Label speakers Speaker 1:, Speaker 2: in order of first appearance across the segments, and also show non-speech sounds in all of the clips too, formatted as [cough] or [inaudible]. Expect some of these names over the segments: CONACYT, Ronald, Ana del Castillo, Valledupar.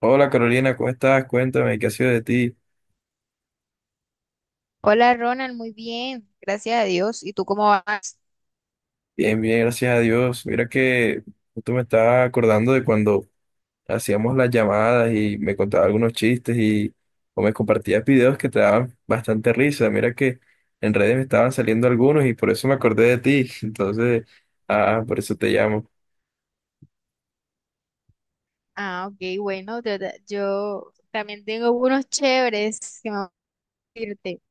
Speaker 1: Hola Carolina, ¿cómo estás? Cuéntame, ¿qué ha sido de ti?
Speaker 2: Hola Ronald, muy bien, gracias a Dios. ¿Y tú cómo vas?
Speaker 1: Bien, bien, gracias a Dios. Mira que tú me estabas acordando de cuando hacíamos las llamadas y me contabas algunos chistes y o me compartías videos que te daban bastante risa. Mira que en redes me estaban saliendo algunos y por eso me acordé de ti. [laughs] Entonces, por eso te llamo.
Speaker 2: Ok, bueno, yo también tengo unos chéveres que me van a decirte.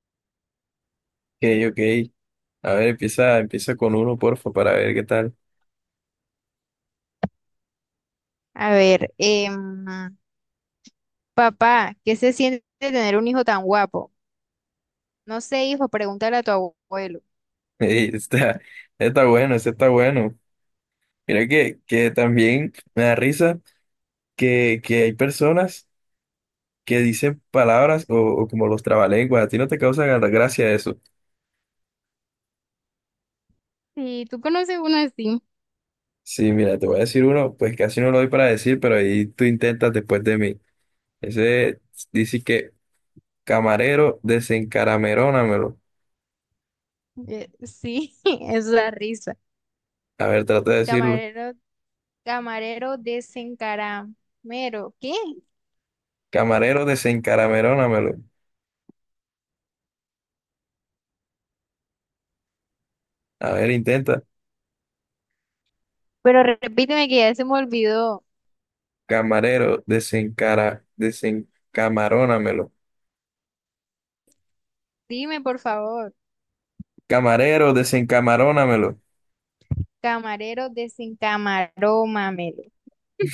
Speaker 1: Ok, ok. A ver, empieza, empieza con uno, porfa, para ver qué tal.
Speaker 2: A ver, papá, ¿qué se siente tener un hijo tan guapo? No sé, hijo, pregúntale a tu abuelo.
Speaker 1: [laughs] Ey, está, está bueno, ese está bueno. Mira que también me da risa que hay personas que dicen palabras o como los trabalenguas, a ti no te causa gracia eso.
Speaker 2: Sí, tú conoces uno así.
Speaker 1: Sí, mira, te voy a decir uno, pues casi no lo doy para decir, pero ahí tú intentas después de mí. Ese dice que camarero desencaramerónamelo.
Speaker 2: Sí, [laughs] es la risa.
Speaker 1: A ver, trata de decirlo.
Speaker 2: Camarero, camarero desencaramero. ¿Qué?
Speaker 1: Camarero desencaramerónamelo. A ver, intenta.
Speaker 2: Pero repíteme que ya se me olvidó.
Speaker 1: Camarero desencamarónamelo.
Speaker 2: Dime, por favor.
Speaker 1: Camarero desencamarónamelo.
Speaker 2: Camarero desencamaró mamelo.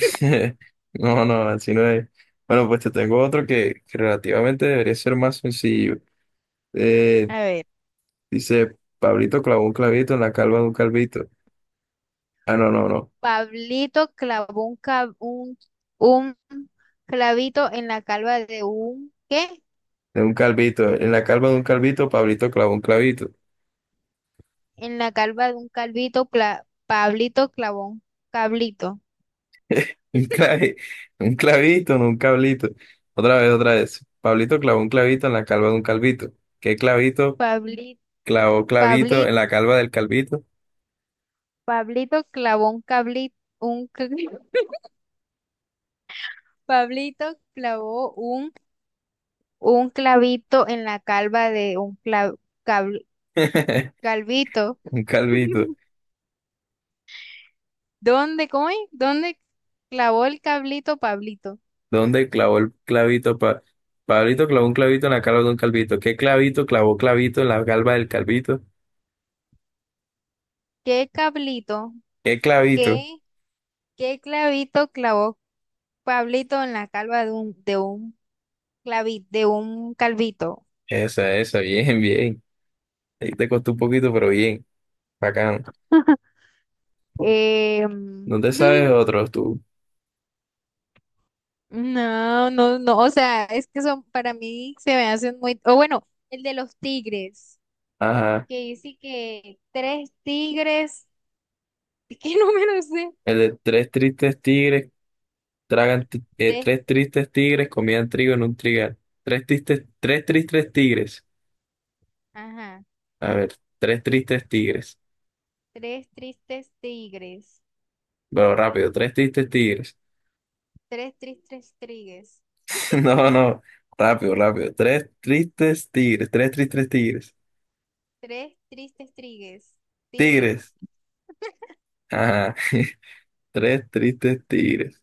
Speaker 1: [laughs] No, no, así no es. Bueno, pues te tengo otro que relativamente debería ser más sencillo. Eh,
Speaker 2: A ver,
Speaker 1: dice, Pablito clavó un clavito en la calva de un calvito. Ah, no, no, no.
Speaker 2: Pablito clavó un, ca- un clavito en la calva de un, ¿qué?
Speaker 1: De un calvito. En la calva de un calvito, Pablito clavó un clavito.
Speaker 2: En la calva de un calvito, Pablito clavó un cablito.
Speaker 1: [laughs] Un clavi- un clavito, no un cablito. Otra vez, otra vez. Pablito clavó un clavito en la calva de un calvito. ¿Qué clavito?
Speaker 2: Pablito,
Speaker 1: Clavó clavito en la
Speaker 2: Pablito,
Speaker 1: calva del calvito.
Speaker 2: Pablito clavó un cablito, [laughs] Pablito clavó un, un clavito en la calva de un cabl-
Speaker 1: [laughs]
Speaker 2: calvito.
Speaker 1: Un calvito.
Speaker 2: [laughs] ¿Dónde, cómo es? ¿Dónde clavó el cablito Pablito?
Speaker 1: ¿Dónde clavó el clavito? Pablito clavó un clavito en la calva de un calvito. ¿Qué clavito clavó clavito en la calva del calvito?
Speaker 2: ¿Qué cablito?
Speaker 1: ¿Qué clavito?
Speaker 2: ¿Qué, ¿qué clavito clavó Pablito en la calva de un de un calvito?
Speaker 1: Esa, bien, bien. Ahí te costó un poquito, pero bien. Bacán.
Speaker 2: Eh, mm,
Speaker 1: No te sabes
Speaker 2: [laughs]
Speaker 1: otros tú.
Speaker 2: no, no, no, o sea, para mí se me hacen muy, o bueno, el de los tigres,
Speaker 1: Ajá.
Speaker 2: que dice que tres tigres, [laughs] ¿qué número es ese?
Speaker 1: El de tres tristes tigres
Speaker 2: Tres,
Speaker 1: tres tristes tigres comían trigo en un trigal. Tres tristes tigres.
Speaker 2: ajá,
Speaker 1: A ver, tres tristes tigres.
Speaker 2: tres tristes tigres,
Speaker 1: Pero rápido, tres tristes tigres.
Speaker 2: tres tristes tigres.
Speaker 1: [laughs] No, no. Rápido, rápido. Tres tristes tigres. Tres tristes tigres.
Speaker 2: Tres tristes tigres, tigres,
Speaker 1: Tigres. Ajá. [laughs] Tres tristes tigres.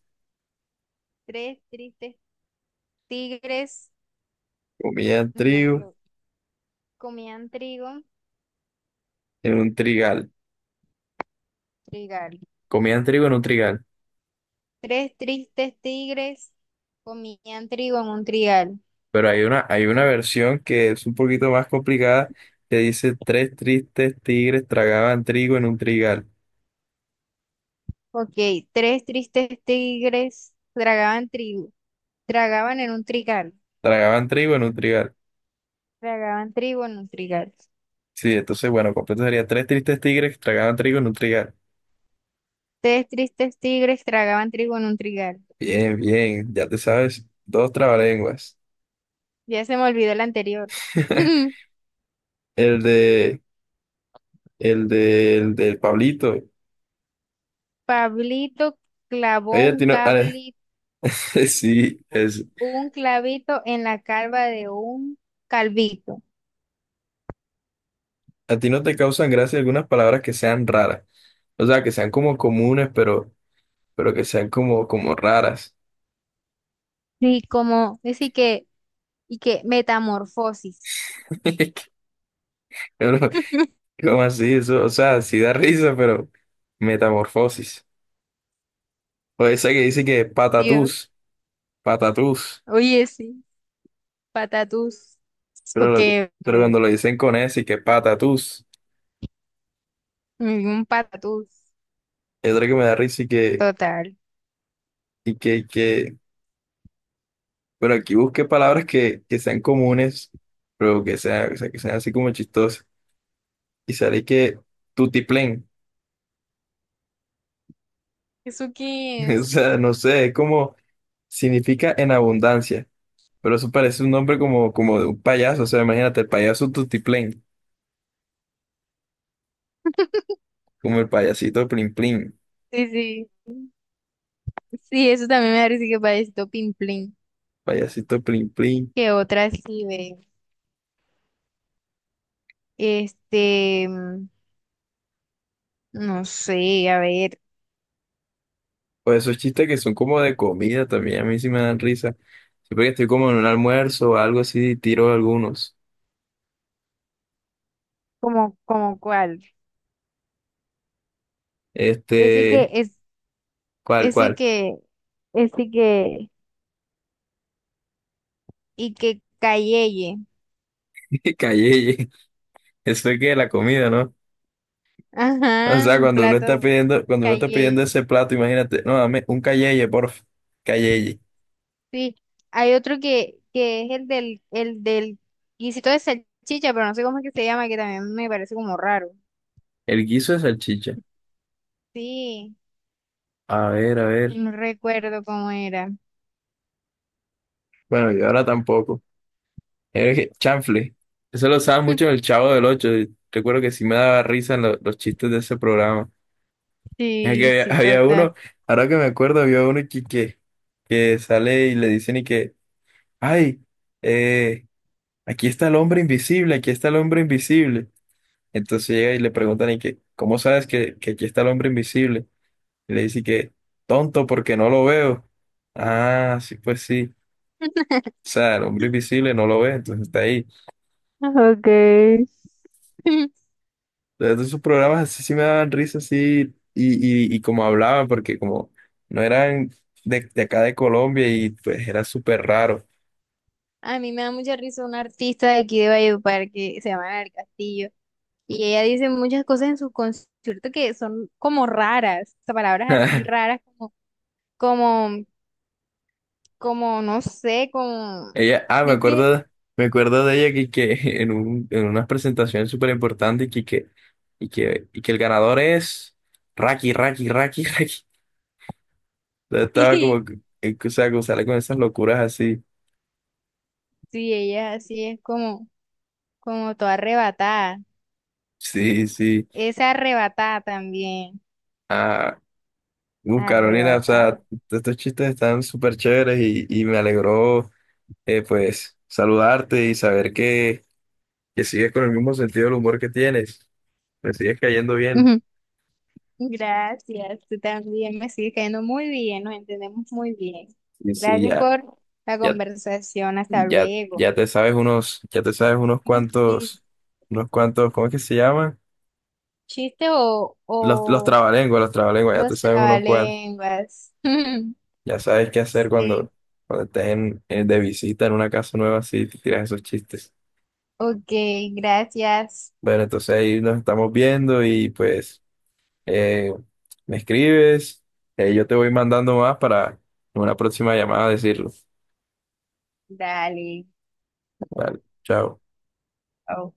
Speaker 2: tres tristes tigres,
Speaker 1: Comían
Speaker 2: no,
Speaker 1: trigo
Speaker 2: lo- comían trigo,
Speaker 1: en un trigal.
Speaker 2: trigal.
Speaker 1: Comían trigo en un trigal.
Speaker 2: Tres tristes tigres comían trigo en un trigal.
Speaker 1: Pero hay una versión que es un poquito más complicada que dice tres tristes tigres tragaban trigo en un trigal.
Speaker 2: Ok, tres tristes tigres tragaban trigo, tragaban en un trigal,
Speaker 1: Tragaban trigo en un trigal.
Speaker 2: tragaban trigo en un trigal.
Speaker 1: Sí, entonces, bueno, completo sería tres tristes tigres tragaban trigo en un trigal.
Speaker 2: Tres tristes tigres tragaban trigo en un trigal.
Speaker 1: Bien, bien. Ya te sabes, dos trabalenguas.
Speaker 2: Ya se me olvidó el anterior.
Speaker 1: [laughs]
Speaker 2: [laughs]
Speaker 1: El de... El de, el del Pablito.
Speaker 2: Pablito clavó
Speaker 1: Oye, a
Speaker 2: un
Speaker 1: ti no, [laughs]
Speaker 2: cable
Speaker 1: sí, es,
Speaker 2: un clavito en la calva de un calvito.
Speaker 1: a ti no te causan gracia algunas palabras que sean raras. O sea, que sean como comunes, pero que sean como, como raras.
Speaker 2: Sí, como, así que, y que metamorfosis.
Speaker 1: [laughs] Uno,
Speaker 2: [laughs]
Speaker 1: ¿cómo así? Eso, o sea, sí da risa, pero metamorfosis. O esa que dice que
Speaker 2: Dios,
Speaker 1: patatús, patatús.
Speaker 2: oye, sí, patatús.
Speaker 1: Pero,
Speaker 2: Eso
Speaker 1: lo-
Speaker 2: que,
Speaker 1: pero
Speaker 2: ve,
Speaker 1: cuando lo dicen con ese y que patatús,
Speaker 2: un patatús.
Speaker 1: es otra que me da risa y que,
Speaker 2: Total.
Speaker 1: y que, que Pero aquí busqué palabras que sean comunes, pero que sean, o sea, que sean así como chistosas. Y sale que tutiplén.
Speaker 2: ¿Eso qué
Speaker 1: [laughs] O
Speaker 2: es?
Speaker 1: sea, no sé, es como significa en abundancia. Pero eso parece un nombre como, como de un payaso. O sea, imagínate, el payaso tutiplén. Como el payasito plin plin.
Speaker 2: Sí, sí. Sí, eso también me parece que parece pimplín.
Speaker 1: Payasito plin plin.
Speaker 2: Que otra sí ve. Este, no sé, a ver,
Speaker 1: O esos chistes que son como de comida también. A mí sí me dan risa. Siempre que estoy como en un almuerzo o algo así, tiro algunos.
Speaker 2: como, como cuál. Ese que
Speaker 1: Este,
Speaker 2: es,
Speaker 1: ¿cuál,
Speaker 2: ese
Speaker 1: cuál?
Speaker 2: que, ese que. Y que cayeye.
Speaker 1: [laughs] Calleye. Eso es que la comida, ¿no? O
Speaker 2: Ajá,
Speaker 1: sea,
Speaker 2: un
Speaker 1: cuando uno está
Speaker 2: plato
Speaker 1: pidiendo, cuando uno está pidiendo
Speaker 2: cayeye.
Speaker 1: ese plato, imagínate, no, dame un calleye, porfa, calleye.
Speaker 2: Sí, hay otro que, el del guisito de salchicha, pero no sé cómo es que se llama, que también me parece como raro.
Speaker 1: El guiso de salchicha.
Speaker 2: Sí,
Speaker 1: A ver, a ver.
Speaker 2: no recuerdo cómo era.
Speaker 1: Bueno, yo ahora tampoco. Chanfle. Eso lo usaba mucho en el
Speaker 2: [laughs]
Speaker 1: Chavo del Ocho. Y recuerdo que sí me daba risa en los chistes de ese programa. Es
Speaker 2: Sí,
Speaker 1: que había,
Speaker 2: sí,
Speaker 1: había
Speaker 2: total.
Speaker 1: uno, ahora que me acuerdo, había uno que sale y le dicen y que, ay, eh, aquí está el hombre invisible, aquí está el hombre invisible. Entonces llega y le preguntan, ¿y que ¿cómo sabes que aquí está el hombre invisible? Y le dice que, tonto, porque no lo veo. Ah, sí, pues sí. O
Speaker 2: [laughs]
Speaker 1: sea, el hombre invisible no lo ve, entonces está ahí.
Speaker 2: Ok. [laughs]
Speaker 1: Entonces esos programas así sí me daban risa, así, y como hablaban, porque como no eran de acá de Colombia y pues era súper raro.
Speaker 2: A mí me da mucha risa una artista de aquí de Valledupar que se llama Ana del Castillo, y ella dice muchas cosas en sus conciertos que son como raras, o sea, palabras así
Speaker 1: [laughs]
Speaker 2: raras, como, como, no sé, como,
Speaker 1: Ella, me
Speaker 2: ¿de
Speaker 1: acuerdo,
Speaker 2: qué?
Speaker 1: me acuerdo de ella que [laughs] en un, en unas presentaciones súper importantes y que el ganador es Raki, Raki, Raki, [laughs] Raki. Entonces estaba
Speaker 2: [laughs]
Speaker 1: como, o sea, como sale con esas locuras así.
Speaker 2: Sí, ella así es como, como toda arrebatada.
Speaker 1: Sí, sí.
Speaker 2: Es arrebatada también,
Speaker 1: Ah, Carolina, o sea,
Speaker 2: arrebatada.
Speaker 1: estos chistes están súper chéveres y me alegró, pues, saludarte y saber que sigues con el mismo sentido del humor que tienes. Me sigues cayendo bien.
Speaker 2: Ujú. Gracias, tú también me sigues cayendo muy bien, nos entendemos muy bien.
Speaker 1: Sí, sí,
Speaker 2: Gracias
Speaker 1: ya.
Speaker 2: por la
Speaker 1: Ya.
Speaker 2: conversación, hasta
Speaker 1: Ya,
Speaker 2: luego.
Speaker 1: ya te sabes unos, ya te sabes
Speaker 2: No es chis-
Speaker 1: unos cuantos, ¿cómo es que se llaman?
Speaker 2: Chiste, o
Speaker 1: Los trabalenguas, ya te
Speaker 2: los
Speaker 1: sabes unos cuantos.
Speaker 2: trabalenguas. [laughs]
Speaker 1: Ya sabes qué hacer
Speaker 2: Sí,
Speaker 1: cuando, cuando estés en, de visita en una casa nueva, así te tiras esos chistes.
Speaker 2: ok, gracias.
Speaker 1: Bueno, entonces ahí nos estamos viendo y pues eh, me escribes, yo te voy mandando más para en una próxima llamada decirlo.
Speaker 2: Dale.
Speaker 1: Vale, chao.
Speaker 2: Chao.